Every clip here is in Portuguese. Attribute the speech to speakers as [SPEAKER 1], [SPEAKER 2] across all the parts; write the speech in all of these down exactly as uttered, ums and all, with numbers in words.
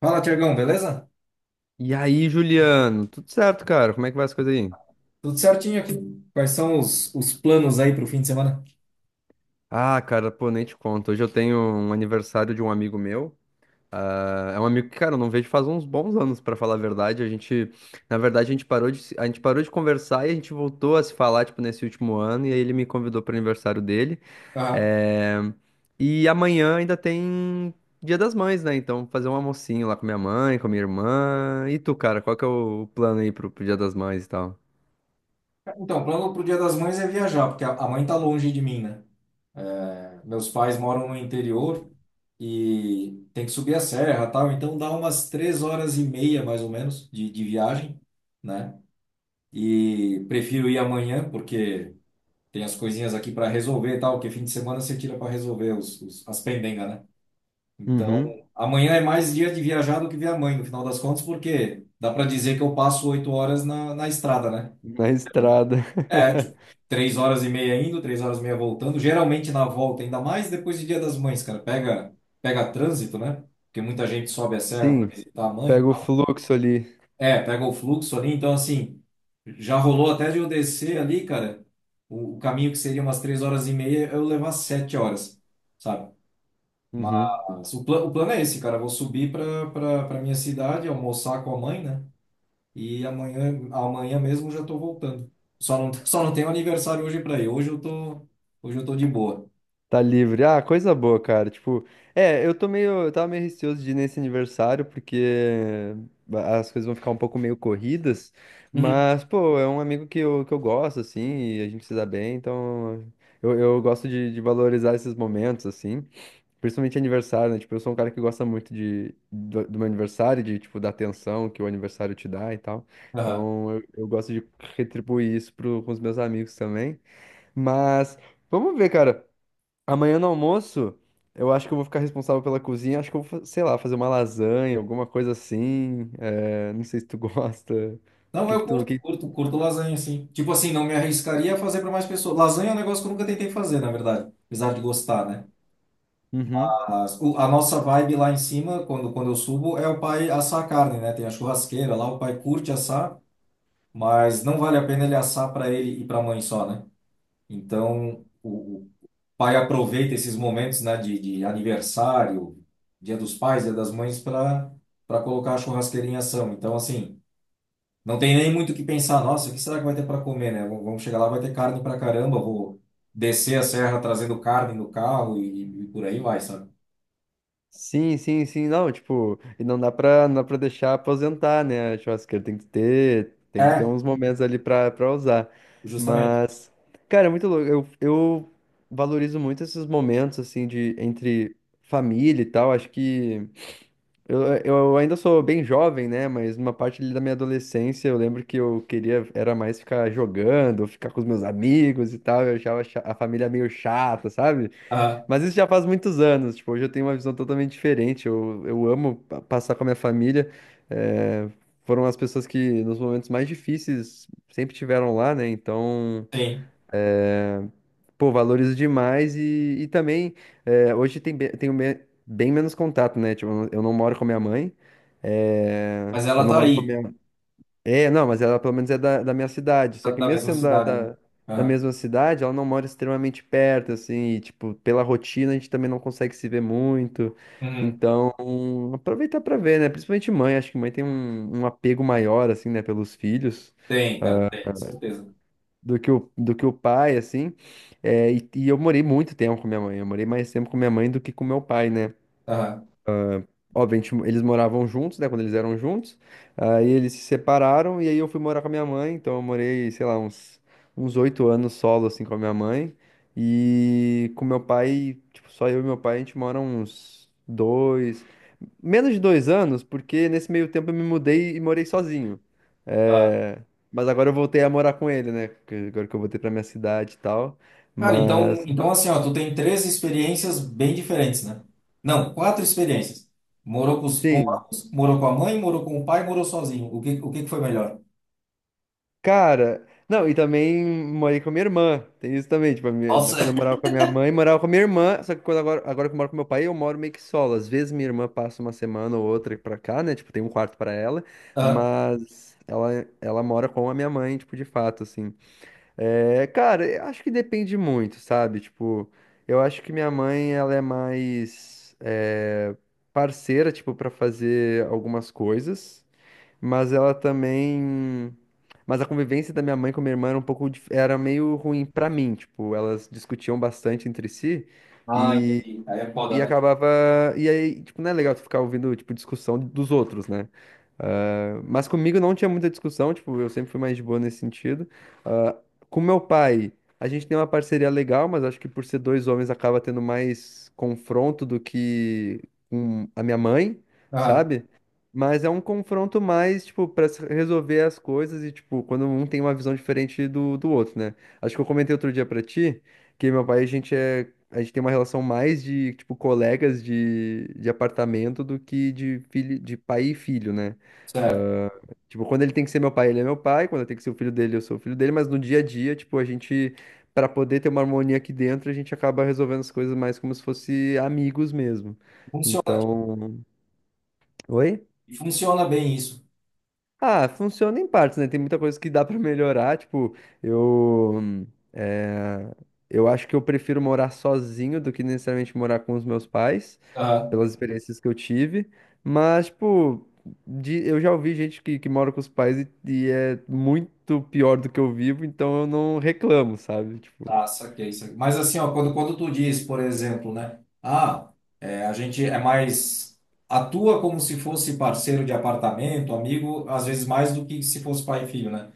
[SPEAKER 1] Fala, Tiagão, beleza?
[SPEAKER 2] E aí, Juliano, tudo certo, cara? Como é que vai as coisas aí?
[SPEAKER 1] Tudo certinho aqui. Quais são os, os planos aí para o fim de semana?
[SPEAKER 2] Ah, cara, pô, nem te conto. Hoje eu tenho um aniversário de um amigo meu. Ah, é um amigo que, cara, eu não vejo faz uns bons anos, pra falar a verdade. A gente, na verdade, a gente parou de, se- a gente parou de conversar e a gente voltou a se falar, tipo, nesse último ano. E aí ele me convidou pro aniversário dele.
[SPEAKER 1] Ah,
[SPEAKER 2] É. E amanhã ainda tem Dia das Mães, né? Então, vou fazer um almocinho lá com minha mãe, com minha irmã. E tu, cara, qual que é o plano aí pro, pro Dia das Mães e tal?
[SPEAKER 1] então, o plano pro Dia das Mães é viajar, porque a a mãe tá longe de mim, né? Meus pais moram no interior e tem que subir a serra, tal. Então dá umas três horas e meia, mais ou menos, de, de viagem, né? E prefiro ir amanhã, porque tem as coisinhas aqui para resolver, e tal. Que fim de semana você tira para resolver os, os- as pendengas, né? Então,
[SPEAKER 2] Uhum.
[SPEAKER 1] amanhã é mais dia de viajar do que ver a mãe, no final das contas, porque dá para dizer que eu passo oito horas na, na estrada, né?
[SPEAKER 2] Na estrada.
[SPEAKER 1] É, tipo, três horas e meia indo, três horas e meia voltando. Geralmente na volta, ainda mais depois do Dia das Mães, cara. Pega, pega trânsito, né? Porque muita gente sobe a serra para
[SPEAKER 2] Sim,
[SPEAKER 1] visitar a mãe.
[SPEAKER 2] pega o fluxo ali.
[SPEAKER 1] É, pega o fluxo ali. Então, assim, já rolou até de eu descer ali, cara. O, o caminho que seria umas três horas e meia, eu levar sete horas, sabe?
[SPEAKER 2] Uhum.
[SPEAKER 1] Mas O, pla- o plano é esse, cara. Eu vou subir para para minha cidade, almoçar com a mãe, né? E amanhã, amanhã mesmo eu já tô voltando. Só não, só não tenho aniversário hoje para ir. Hoje eu tô, hoje eu tô de boa.
[SPEAKER 2] Tá livre. Ah, coisa boa, cara. Tipo, é, eu tô meio, eu tava meio receoso de ir nesse aniversário, porque as coisas vão ficar um pouco meio corridas,
[SPEAKER 1] Uhum.
[SPEAKER 2] mas, pô, é um amigo que eu, que eu gosto, assim, e a gente se dá bem, então eu, eu gosto de, de valorizar esses momentos, assim, principalmente aniversário, né? Tipo, eu sou um cara que gosta muito de, do, do meu aniversário, de, tipo, da atenção que o aniversário te dá e tal,
[SPEAKER 1] Aham.
[SPEAKER 2] então eu, eu gosto de retribuir isso pro, com os meus amigos também. Mas vamos ver, cara. Amanhã no almoço, eu acho que eu vou ficar responsável pela cozinha. Acho que eu vou, fa- sei lá, fazer uma lasanha, alguma coisa assim. É, não sei se tu gosta. O
[SPEAKER 1] Não,
[SPEAKER 2] que que
[SPEAKER 1] eu
[SPEAKER 2] tu.
[SPEAKER 1] curto,
[SPEAKER 2] Que...
[SPEAKER 1] curto, curto lasanha, sim. Tipo assim, não me arriscaria a fazer para mais pessoas. Lasanha é um negócio que eu nunca tentei fazer, na verdade. Apesar de gostar, né?
[SPEAKER 2] Uhum.
[SPEAKER 1] Mas o- a nossa vibe lá em cima, quando, quando eu subo, é o pai assar a carne, né? Tem a churrasqueira lá, o pai curte assar, mas não vale a pena ele assar para ele e para a mãe só, né? Então, o, o pai aproveita esses momentos, né, de, de aniversário, Dia dos Pais, Dia das Mães, para para colocar a churrasqueira em ação. Então, assim, não tem nem muito o que pensar. Nossa, o que será que vai ter para comer, né? Vamos vamos chegar lá, vai ter carne para caramba. Vou descer a serra trazendo carne no carro e, e por aí vai, sabe?
[SPEAKER 2] Sim, sim, sim. Não, tipo, e não dá pra, não dá pra deixar aposentar, né? A churrasqueira tem que ter, tem que ter
[SPEAKER 1] É,
[SPEAKER 2] uns momentos ali pra, pra usar.
[SPEAKER 1] justamente.
[SPEAKER 2] Mas, cara, é muito louco. Eu, eu valorizo muito esses momentos, assim, de entre família e tal. Acho que. Eu, eu ainda sou bem jovem, né? Mas numa parte ali da minha adolescência, eu lembro que eu queria era mais ficar jogando, ficar com os meus amigos e tal. Eu achava cha- a família meio chata, sabe?
[SPEAKER 1] Ah,
[SPEAKER 2] Mas isso já faz muitos anos. Tipo, hoje eu tenho uma visão totalmente diferente. Eu, eu amo pa- passar com a minha família. eh, foram as pessoas que nos momentos mais difíceis sempre tiveram lá, né? Então.
[SPEAKER 1] tem.
[SPEAKER 2] É. Pô, valorizo demais e, e também é, hoje tem, be- tenho me- bem menos contato, né? Tipo, eu não eu não moro com a minha mãe, é,
[SPEAKER 1] Mas
[SPEAKER 2] eu
[SPEAKER 1] ela
[SPEAKER 2] não
[SPEAKER 1] tá
[SPEAKER 2] moro com a
[SPEAKER 1] aí,
[SPEAKER 2] minha... É, não, mas ela pelo menos é da, da minha cidade,
[SPEAKER 1] da
[SPEAKER 2] só que
[SPEAKER 1] da
[SPEAKER 2] mesmo
[SPEAKER 1] mesma
[SPEAKER 2] sendo da,
[SPEAKER 1] cidade, né?
[SPEAKER 2] da, da
[SPEAKER 1] Aham.
[SPEAKER 2] mesma cidade, ela não mora extremamente perto, assim, e, tipo, pela rotina a gente também não consegue se ver muito,
[SPEAKER 1] Uhum.
[SPEAKER 2] então aproveitar pra ver, né? Principalmente mãe, acho que mãe tem um, um apego maior, assim, né, pelos filhos.
[SPEAKER 1] Tem, cara,
[SPEAKER 2] Ah,
[SPEAKER 1] tem, certeza.
[SPEAKER 2] do que o, do que o pai, assim. É, e, e eu morei muito tempo com minha mãe. Eu morei mais tempo com minha mãe do que com meu pai, né?
[SPEAKER 1] Aham.
[SPEAKER 2] Obviamente, eles moravam juntos, né? Quando eles eram juntos. Aí eles se separaram e aí eu fui morar com a minha mãe. Então eu morei, sei lá, uns uns oito anos solo, assim, com a minha mãe. E com meu pai, tipo, só eu e meu pai, a gente mora uns dois. Menos de dois anos, porque nesse meio tempo eu me mudei e morei sozinho. É. Mas agora eu voltei a morar com ele, né? que- Agora que eu voltei pra minha cidade e tal.
[SPEAKER 1] Cara, então,
[SPEAKER 2] Mas,
[SPEAKER 1] então assim, ó, tu tem três experiências bem diferentes, né? Não, quatro experiências. Morou com, os- com
[SPEAKER 2] sim,
[SPEAKER 1] ambos, morou com a mãe, morou com o pai, morou sozinho. O que, o que que foi melhor?
[SPEAKER 2] cara. Não, e também morei com a minha irmã. Tem isso também. Tipo, a minha-
[SPEAKER 1] Nossa.
[SPEAKER 2] quando eu morava com a minha mãe, morava com a minha irmã. Só que quando agora, agora que eu moro com meu pai, eu moro meio que solo. Às vezes minha irmã passa uma semana ou outra pra cá, né? Tipo, tem um quarto pra ela.
[SPEAKER 1] Ah,
[SPEAKER 2] Mas ela, ela mora com a minha mãe, tipo, de fato, assim. É, cara, eu acho que depende muito, sabe? Tipo, eu acho que minha mãe, ela é mais é, parceira, tipo, pra fazer algumas coisas, mas ela também... Mas a convivência da minha mãe com minha irmã era um pouco... dif- era meio ruim pra mim, tipo, elas discutiam bastante entre si
[SPEAKER 1] ah, entendi. Aí é foda,
[SPEAKER 2] e
[SPEAKER 1] né?
[SPEAKER 2] acabava. E aí, tipo, não é legal tu ficar ouvindo, tipo, discussão dos outros, né? Ah, mas comigo não tinha muita discussão, tipo, eu sempre fui mais de boa nesse sentido. Ah, com meu pai, a gente tem uma parceria legal, mas acho que por ser dois homens acaba tendo mais confronto do que com a minha mãe,
[SPEAKER 1] Ah,
[SPEAKER 2] sabe? Mas é um confronto mais, tipo, pra se resolver as coisas e, tipo, quando um tem uma visão diferente do, do outro, né? Acho que eu comentei outro dia pra ti que meu pai, a gente é a gente tem uma relação mais de, tipo, colegas de, de apartamento do que de filho, de pai e filho, né?
[SPEAKER 1] certo.
[SPEAKER 2] Tipo, quando ele tem que ser meu pai, ele é meu pai, quando eu tenho que ser o filho dele, eu sou o filho dele, mas no dia a dia, tipo, a gente, pra poder ter uma harmonia aqui dentro, a gente acaba resolvendo as coisas mais como se fosse amigos mesmo.
[SPEAKER 1] Funciona.
[SPEAKER 2] Então, oi?
[SPEAKER 1] E funciona bem isso.
[SPEAKER 2] Ah, funciona em partes, né? Tem muita coisa que dá pra melhorar. Tipo, eu. hum, eh, eu acho que eu prefiro morar sozinho do que necessariamente morar com os meus pais,
[SPEAKER 1] Ah,
[SPEAKER 2] pelas experiências que eu tive. Mas, tipo, de- eu já ouvi gente que, que mora com os pais e, e é muito pior do que eu vivo, então eu não reclamo, sabe? Tipo,
[SPEAKER 1] ah, saquei, saquei. Mas assim, ó, quando, quando tu diz, por exemplo, né? Ah, é, a gente é mais... Atua como se fosse parceiro de apartamento, amigo, às vezes mais do que se fosse pai e filho, né?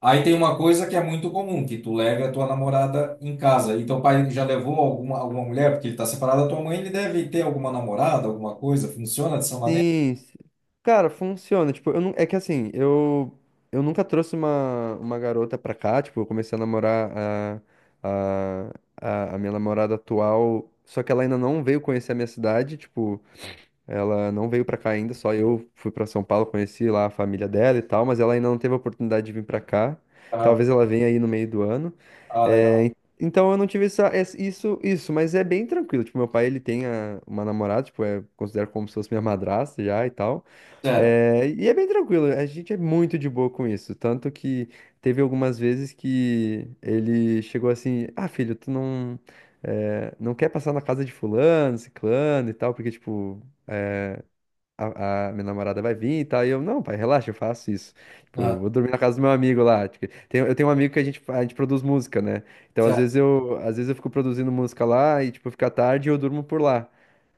[SPEAKER 1] Aí tem uma coisa que é muito comum, que tu leve a tua namorada em casa. E teu pai já levou alguma, alguma mulher, porque ele está separado da tua mãe, ele deve ter alguma namorada, alguma coisa. Funciona dessa maneira?
[SPEAKER 2] sim, sim. Cara, funciona. Tipo, eu não... é que assim, eu eu nunca trouxe uma, uma garota pra cá. Tipo, eu comecei a namorar a, a, a, a minha namorada atual, só que ela ainda não veio conhecer a minha cidade. Tipo, ela não veio pra cá ainda, só eu fui pra São Paulo, conheci lá a família dela e tal, mas ela ainda não teve a oportunidade de vir pra cá.
[SPEAKER 1] Ah,
[SPEAKER 2] Talvez ela venha aí no meio do ano.
[SPEAKER 1] ah,
[SPEAKER 2] É,
[SPEAKER 1] legal.
[SPEAKER 2] en- então eu não tive essa, essa- isso, isso, mas é bem tranquilo. Tipo, meu pai, ele tem a- uma namorada, tipo, é, considero como se fosse minha madrasta já e tal.
[SPEAKER 1] Certo.
[SPEAKER 2] É, e é bem tranquilo, a gente é muito de boa com isso. Tanto que teve algumas vezes que ele chegou assim, ah, filho, tu não, é, não quer passar na casa de fulano, ciclano e tal, porque, tipo, a, a minha namorada vai vir e tal. E eu, não, pai, relaxa, eu faço isso. Tipo, eu
[SPEAKER 1] Ah,
[SPEAKER 2] vou dormir na casa do meu amigo lá. Tipo, tem- eu tenho um amigo que a gente, a gente produz música, né? Então, às
[SPEAKER 1] certo.
[SPEAKER 2] vezes eu, às vezes eu fico produzindo música lá e, tipo, fica tarde e eu durmo por lá.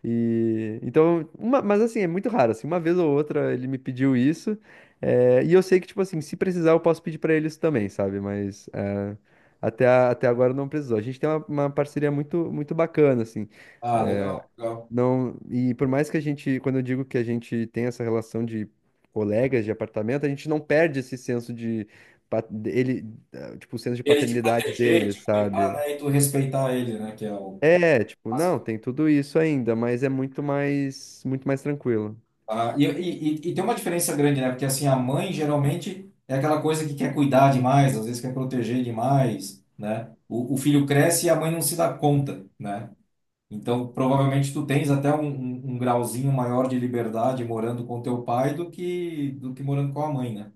[SPEAKER 2] E, então, uma- mas assim, é muito raro, assim, uma vez ou outra ele me pediu isso, é, e eu sei que, tipo assim, se precisar eu posso pedir pra ele isso também, sabe? Mas é, até, a- até agora não precisou. A gente tem uma, uma parceria muito, muito bacana, assim,
[SPEAKER 1] Ah, legal, legal.
[SPEAKER 2] não, e por mais que a gente, quando eu digo que a gente tem essa relação de colegas de apartamento, a gente não perde esse senso de pa- ele, eh, tipo, o senso de
[SPEAKER 1] Ele te
[SPEAKER 2] paternidade
[SPEAKER 1] proteger,
[SPEAKER 2] dele,
[SPEAKER 1] te cuidar,
[SPEAKER 2] sabe?
[SPEAKER 1] né? E tu respeitar ele, né? Que é o
[SPEAKER 2] É, tipo, não,
[SPEAKER 1] básico.
[SPEAKER 2] tem tudo isso ainda, mas é muito mais, muito mais tranquilo.
[SPEAKER 1] Ah, e, e, e e tem uma diferença grande, né? Porque assim, a mãe geralmente é aquela coisa que quer cuidar demais, às vezes quer proteger demais, né? O, o filho cresce e a mãe não se dá conta, né? Então, provavelmente tu tens até um, um- um grauzinho maior de liberdade morando com teu pai do que do que morando com a mãe, né?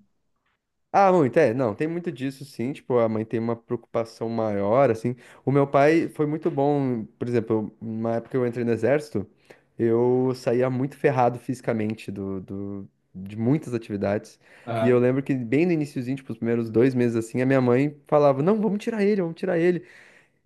[SPEAKER 2] Ah, muito, é, não, tem muito disso sim, tipo, a mãe tem uma preocupação maior, assim. O meu pai foi muito bom, por exemplo, eu- na época que eu entrei no exército, eu saía muito ferrado fisicamente do, do- de muitas atividades. E eu
[SPEAKER 1] Aham.
[SPEAKER 2] lembro que bem no iniciozinho, tipo, os primeiros dois meses assim, a minha mãe falava, não, vamos tirar ele, vamos tirar ele.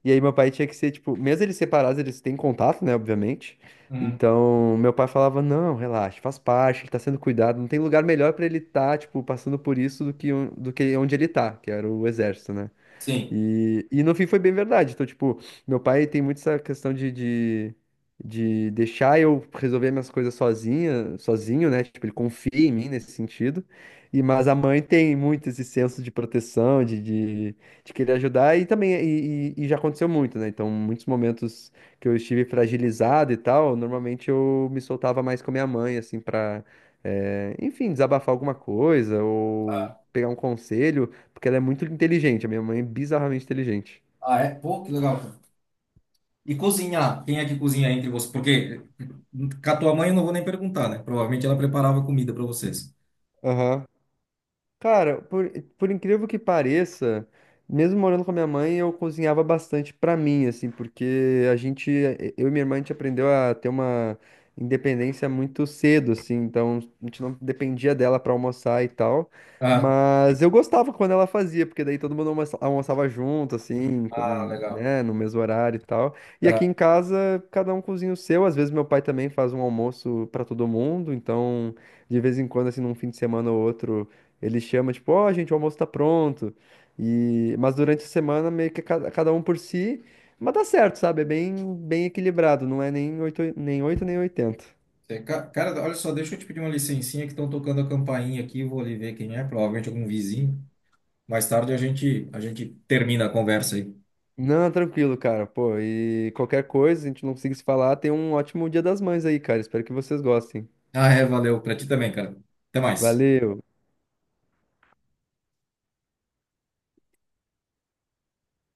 [SPEAKER 2] E aí meu pai tinha que ser, tipo, mesmo eles separados, eles têm contato, né, obviamente.
[SPEAKER 1] Uhum.
[SPEAKER 2] Então, meu pai falava, não, relaxa, faz parte, ele tá sendo cuidado, não tem lugar melhor pra ele estar, tipo, passando por isso do que, on- do que onde ele tá, que era o exército, né?
[SPEAKER 1] Sim.
[SPEAKER 2] E, e no fim foi bem verdade. Então, tipo, meu pai tem muito essa questão de, de, de deixar eu resolver minhas coisas sozinha, sozinho, né? Tipo, ele confia em mim nesse sentido. E, mas a mãe tem muito esse senso de proteção, de, de, de querer ajudar, e também, e, e- e já aconteceu muito, né? Então, muitos momentos que eu estive fragilizado e tal, normalmente eu me soltava mais com a minha mãe, assim, pra, eh, enfim, desabafar alguma coisa ou pegar um conselho. Porque ela é muito inteligente. A minha mãe é bizarramente inteligente.
[SPEAKER 1] Ah, é? Pô, que legal, cara. E cozinhar? Quem é que cozinha entre vocês? Porque com a tua mãe eu não vou nem perguntar, né? Provavelmente ela preparava comida para vocês.
[SPEAKER 2] Aham. Cara, por, por incrível que pareça, mesmo morando com a minha mãe, eu cozinhava bastante pra mim, assim, porque a gente, eu e minha irmã, a gente aprendeu a ter uma independência muito cedo, assim, então a gente não dependia dela pra almoçar e tal.
[SPEAKER 1] Ah,
[SPEAKER 2] Mas eu gostava quando ela fazia, porque daí todo mundo almoça- almoçava junto, assim, com-
[SPEAKER 1] ah, legal.
[SPEAKER 2] né, no mesmo horário e tal. E aqui em
[SPEAKER 1] Ah,
[SPEAKER 2] casa, cada um cozinha o seu. Às vezes meu pai também faz um almoço pra todo mundo, então de vez em quando, assim, num fim de semana ou outro. Ele chama, tipo, ó, gente, o almoço tá pronto. E... mas durante a semana, meio que cada cada um por si. Mas dá certo, sabe? É bem, bem equilibrado. Não é nem oito, nem oito, nem oitenta.
[SPEAKER 1] É, ca- cara, olha só, deixa eu te pedir uma licencinha que estão tocando a campainha aqui, vou ali ver quem é, provavelmente algum vizinho. Mais tarde a gente a gente termina a conversa aí.
[SPEAKER 2] Não, tranquilo, cara. Pô, e qualquer coisa, a gente não conseguir se falar, tem um ótimo Dia das Mães aí, cara. Espero que vocês gostem.
[SPEAKER 1] Ah, é, valeu, para ti também, cara. Até mais.
[SPEAKER 2] Valeu!